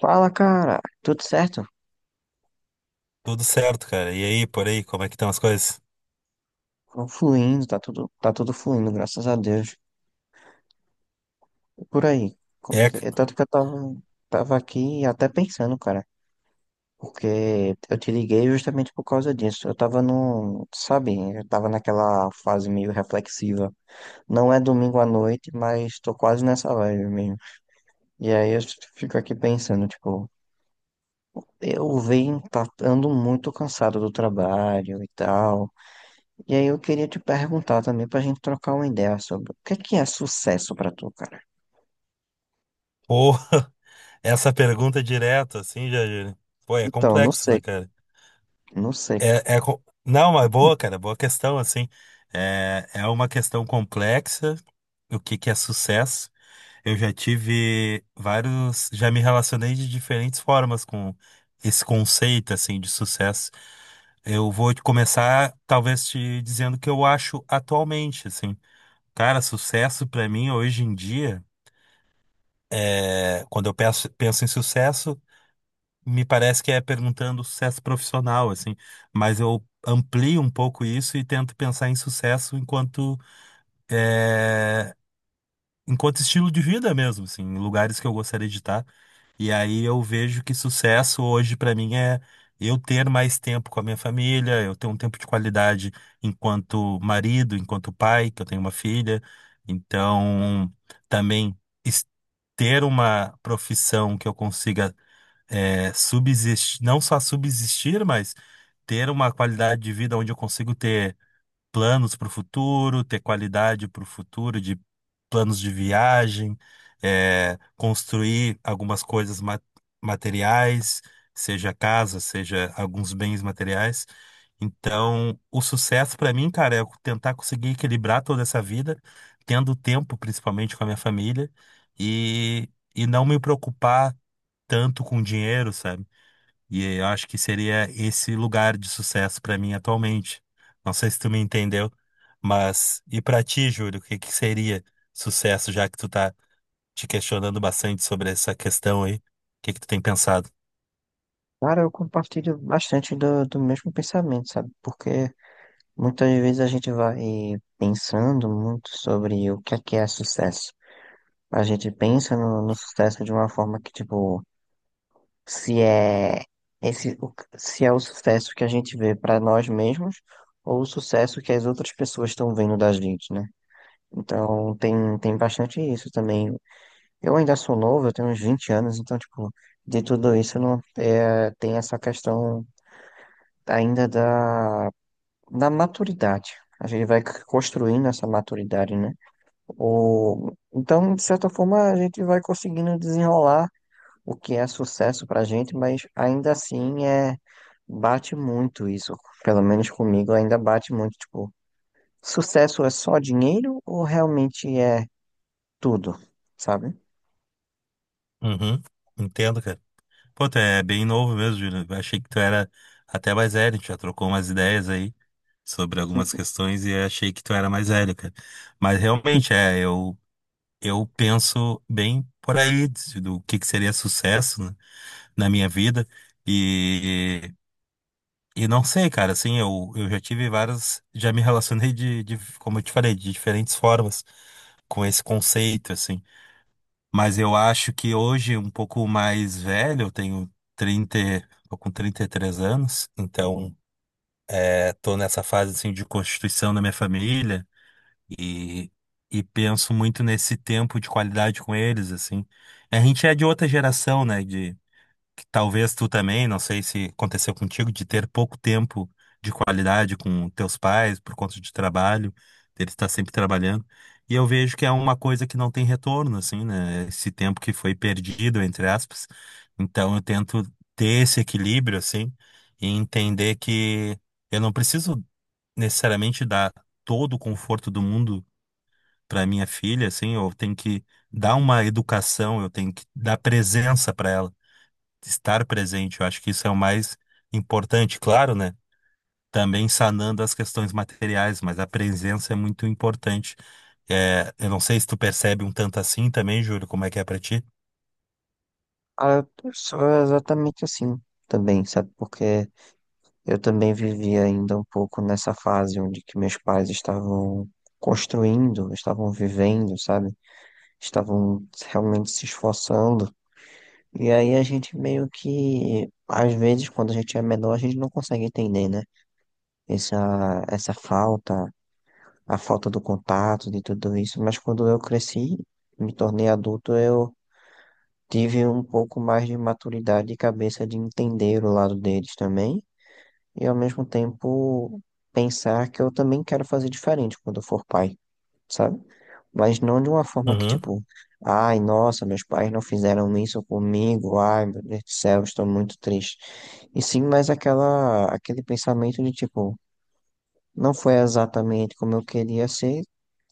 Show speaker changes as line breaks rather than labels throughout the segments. Fala, cara. Tudo certo?
Tudo certo, cara. E aí, por aí, como é que estão as coisas?
Tô fluindo, tá tudo fluindo, graças a Deus. E por aí? Como é
É,
que... é Tanto que eu tava aqui até pensando, cara. Porque eu te liguei justamente por causa disso. Eu tava no, sabe, eu tava naquela fase meio reflexiva. Não é domingo à noite, mas tô quase nessa vibe mesmo. E aí eu fico aqui pensando, tipo, eu ando muito cansado do trabalho e tal. E aí eu queria te perguntar também pra gente trocar uma ideia sobre o que é sucesso pra tu, cara?
porra, essa pergunta direto, assim, né? Pô, é
Então, não
complexo, né,
sei,
cara?
não sei.
Não, mas boa, cara, boa questão, assim. É uma questão complexa, o que que é sucesso. Eu já tive vários, já me relacionei de diferentes formas com esse conceito, assim, de sucesso. Eu vou te começar, talvez, te dizendo o que eu acho atualmente, assim. Cara, sucesso pra mim hoje em dia, quando eu penso, penso em sucesso, me parece que é perguntando sucesso profissional, assim, mas eu amplio um pouco isso e tento pensar em sucesso enquanto é, enquanto estilo de vida mesmo, assim, em lugares que eu gostaria de estar. E aí eu vejo que sucesso hoje pra mim é eu ter mais tempo com a minha família, eu ter um tempo de qualidade enquanto marido, enquanto pai, que eu tenho uma filha. Então, também es- ter uma profissão que eu consiga subsistir, não só subsistir, mas ter uma qualidade de vida onde eu consigo ter planos para o futuro, ter qualidade para o futuro, de planos de viagem, construir algumas coisas materiais, seja casa, seja alguns bens materiais. Então, o sucesso para mim, cara, é tentar conseguir equilibrar toda essa vida, tendo tempo, principalmente com a minha família, e, e não me preocupar tanto com dinheiro, sabe? E eu acho que seria esse lugar de sucesso para mim atualmente. Não sei se tu me entendeu, mas e para ti, Júlio, o que que seria sucesso, já que tu tá te questionando bastante sobre essa questão aí? O que que tu tem pensado?
Cara, eu compartilho bastante do mesmo pensamento, sabe? Porque muitas vezes a gente vai pensando muito sobre o que é sucesso. A gente pensa no sucesso de uma forma que, tipo, se é se é o sucesso que a gente vê pra nós mesmos ou o sucesso que as outras pessoas estão vendo da gente, né? Então, tem bastante isso também. Eu ainda sou novo, eu tenho uns 20 anos, então, tipo, de tudo isso não é, tem essa questão ainda da maturidade. A gente vai construindo essa maturidade, né? O, então, de certa forma, a gente vai conseguindo desenrolar o que é sucesso pra gente, mas ainda assim é, bate muito isso. Pelo menos comigo ainda bate muito, tipo, sucesso é só dinheiro ou realmente é tudo, sabe?
Uhum, entendo, cara. Pô, tu é bem novo mesmo, Júlio. Eu achei que tu era até mais velho, a gente já trocou umas ideias aí sobre algumas questões e eu achei que tu era mais velho, cara. Mas realmente é, eu penso bem por aí do que seria sucesso, né? Na minha vida. E, e não sei, cara, assim, eu já tive várias. Já me relacionei como eu te falei, de diferentes formas com esse conceito, assim. Mas eu acho que hoje, um pouco mais velho, eu tenho 30 tô com 33 anos, então tô nessa fase, assim, de constituição da minha família e. E penso muito nesse tempo de qualidade com eles, assim. A gente é de outra geração, né? Que talvez tu também, não sei se aconteceu contigo, de ter pouco tempo de qualidade com teus pais por conta de trabalho, deles estar sempre trabalhando. E eu vejo que é uma coisa que não tem retorno, assim, né? Esse tempo que foi perdido, entre aspas. Então eu tento ter esse equilíbrio, assim, e entender que eu não preciso necessariamente dar todo o conforto do mundo para minha filha, assim, eu tenho que dar uma educação, eu tenho que dar presença para ela estar presente. Eu acho que isso é o mais importante, claro, né? Também sanando as questões materiais, mas a presença é muito importante. É, eu não sei se tu percebe um tanto assim também, Júlio, como é que é pra ti?
Ah, eu sou exatamente assim também, sabe? Porque eu também vivia ainda um pouco nessa fase onde que meus pais estavam construindo, estavam vivendo, sabe? Estavam realmente se esforçando. E aí a gente meio que, às vezes, quando a gente é menor, a gente não consegue entender, né? Essa falta, a falta do contato, de tudo isso. Mas quando eu cresci, me tornei adulto, eu tive um pouco mais de maturidade e cabeça de entender o lado deles também, e ao mesmo tempo pensar que eu também quero fazer diferente quando eu for pai, sabe? Mas não de uma forma que,
Uhum,
tipo, ai, nossa, meus pais não fizeram isso comigo, ai, meu Deus do céu, estou muito triste. E sim, mas aquele pensamento de, tipo, não foi exatamente como eu queria ser,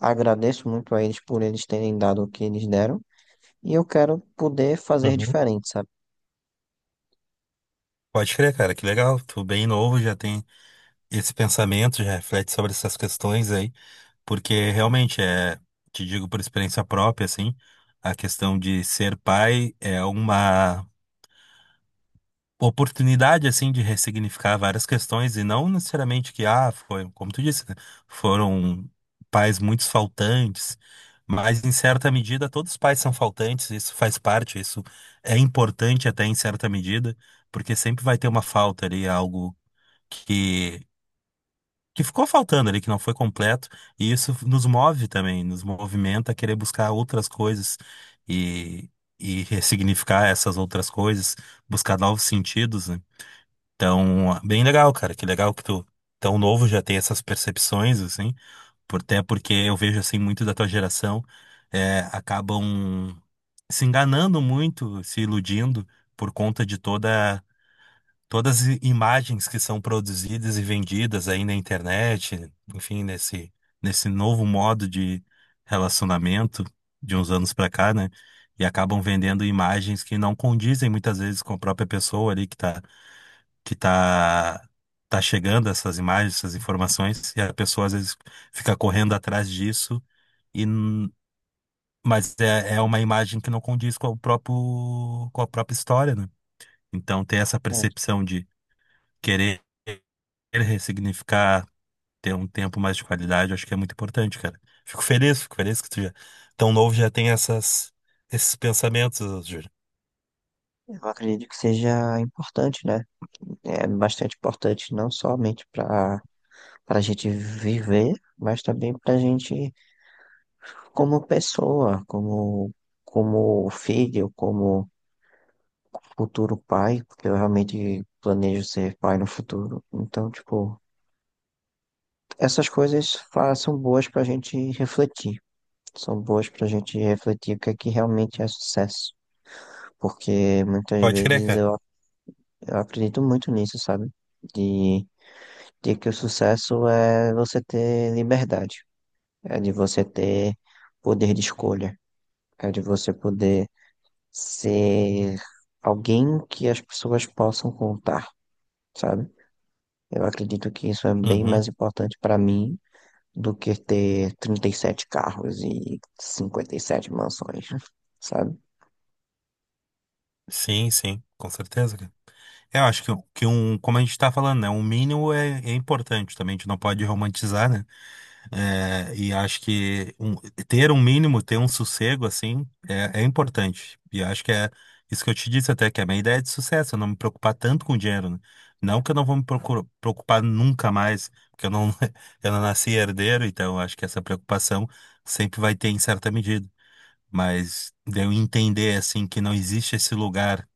agradeço muito a eles por eles terem dado o que eles deram, e eu quero poder fazer
uhum.
diferente, sabe?
Pode crer, cara, que legal. Tu bem novo, já tem esse pensamento, já reflete sobre essas questões aí, porque realmente é, te digo por experiência própria, assim, a questão de ser pai é uma oportunidade assim de ressignificar várias questões e não necessariamente que ah foi como tu disse né, foram pais muito faltantes, mas em certa medida todos os pais são faltantes, isso faz parte, isso é importante até em certa medida, porque sempre vai ter uma falta ali, algo que que ficou faltando ali, que não foi completo, e isso nos move também, nos movimenta a querer buscar outras coisas e e ressignificar essas outras coisas, buscar novos sentidos, né? Então, bem legal, cara. Que legal que tu, tão novo, já tem essas percepções, assim. Por, até porque eu vejo, assim, muito da tua geração acabam se enganando muito, se iludindo por conta de todas as imagens que são produzidas e vendidas aí na internet, enfim, nesse novo modo de relacionamento de uns anos pra cá, né? E acabam vendendo imagens que não condizem muitas vezes com a própria pessoa ali que tá, tá chegando essas imagens, essas informações, e a pessoa às vezes fica correndo atrás disso, e, n- mas é, é uma imagem que não condiz com o próprio, com a própria história, né? Então ter essa percepção de querer ressignificar, ter um tempo mais de qualidade, eu acho que é muito importante, cara. Fico feliz que tu já, tão novo já tem essas, esses pensamentos, Júlio.
Eu acredito que seja importante, né? É bastante importante não somente para a gente viver, mas também para a gente como pessoa, como filho, como futuro pai, porque eu realmente planejo ser pai no futuro. Então, tipo, essas coisas são boas para a gente refletir, são boas para a gente refletir o que é que realmente é sucesso, porque muitas
Pode crer,
vezes
cara.
eu acredito muito nisso, sabe? De de que o sucesso é você ter liberdade, é de você ter poder de escolha, é de você poder ser alguém que as pessoas possam contar, sabe? Eu acredito que isso é bem
Uhum.
mais importante para mim do que ter 37 carros e 57 mansões, sabe?
Sim, sim, com certeza, cara. É, eu acho que um, como a gente está falando, né, um mínimo é, é importante também, a gente não pode romantizar, né? E acho que ter um mínimo, ter um sossego, assim, é, é importante. E acho que é isso que eu te disse até, que é a minha ideia é de sucesso, eu não me preocupar tanto com dinheiro, né? Não que eu não vou me preocupar nunca mais, porque eu não, eu não nasci herdeiro, então eu acho que essa preocupação sempre vai ter em certa medida. Mas de eu entender, assim, que não existe esse lugar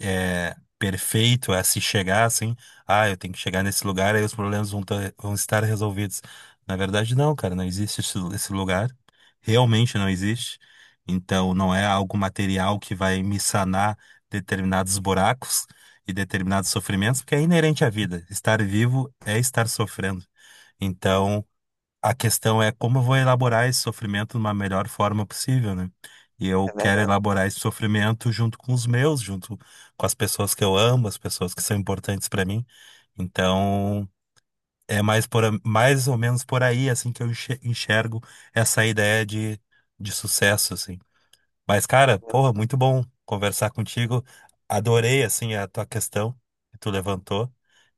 é, perfeito a se chegar assim, ah, eu tenho que chegar nesse lugar, aí os problemas vão estar resolvidos. Na verdade, não, cara, não existe esse lugar, realmente não existe. Então, não é algo material que vai me sanar determinados buracos e determinados sofrimentos, porque é inerente à vida. Estar vivo é estar sofrendo. Então, a questão é como eu vou elaborar esse sofrimento de uma melhor forma possível, né? E eu
É
quero
verdade.
elaborar esse sofrimento junto com os meus, junto com as pessoas que eu amo, as pessoas que são importantes para mim. Então, é mais por, mais ou menos por aí assim que eu enxergo essa ideia de sucesso, assim. Mas, cara,
Muito
porra, muito bom conversar contigo. Adorei, assim, a tua questão que tu levantou.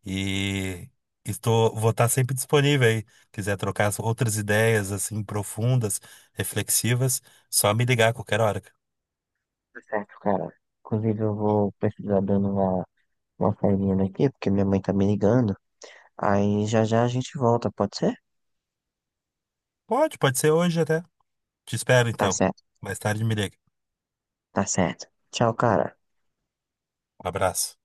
E estou, vou estar sempre disponível aí. Quiser trocar as outras ideias, assim, profundas, reflexivas, só me ligar a qualquer hora.
certo, cara. Inclusive, eu vou precisar dando uma saidinha daqui, porque minha mãe tá me ligando. Aí já já a gente volta, pode ser?
Pode, pode ser hoje até. Te espero,
Tá
então.
certo,
Mais tarde me liga.
tá certo. Tchau, cara.
Um abraço.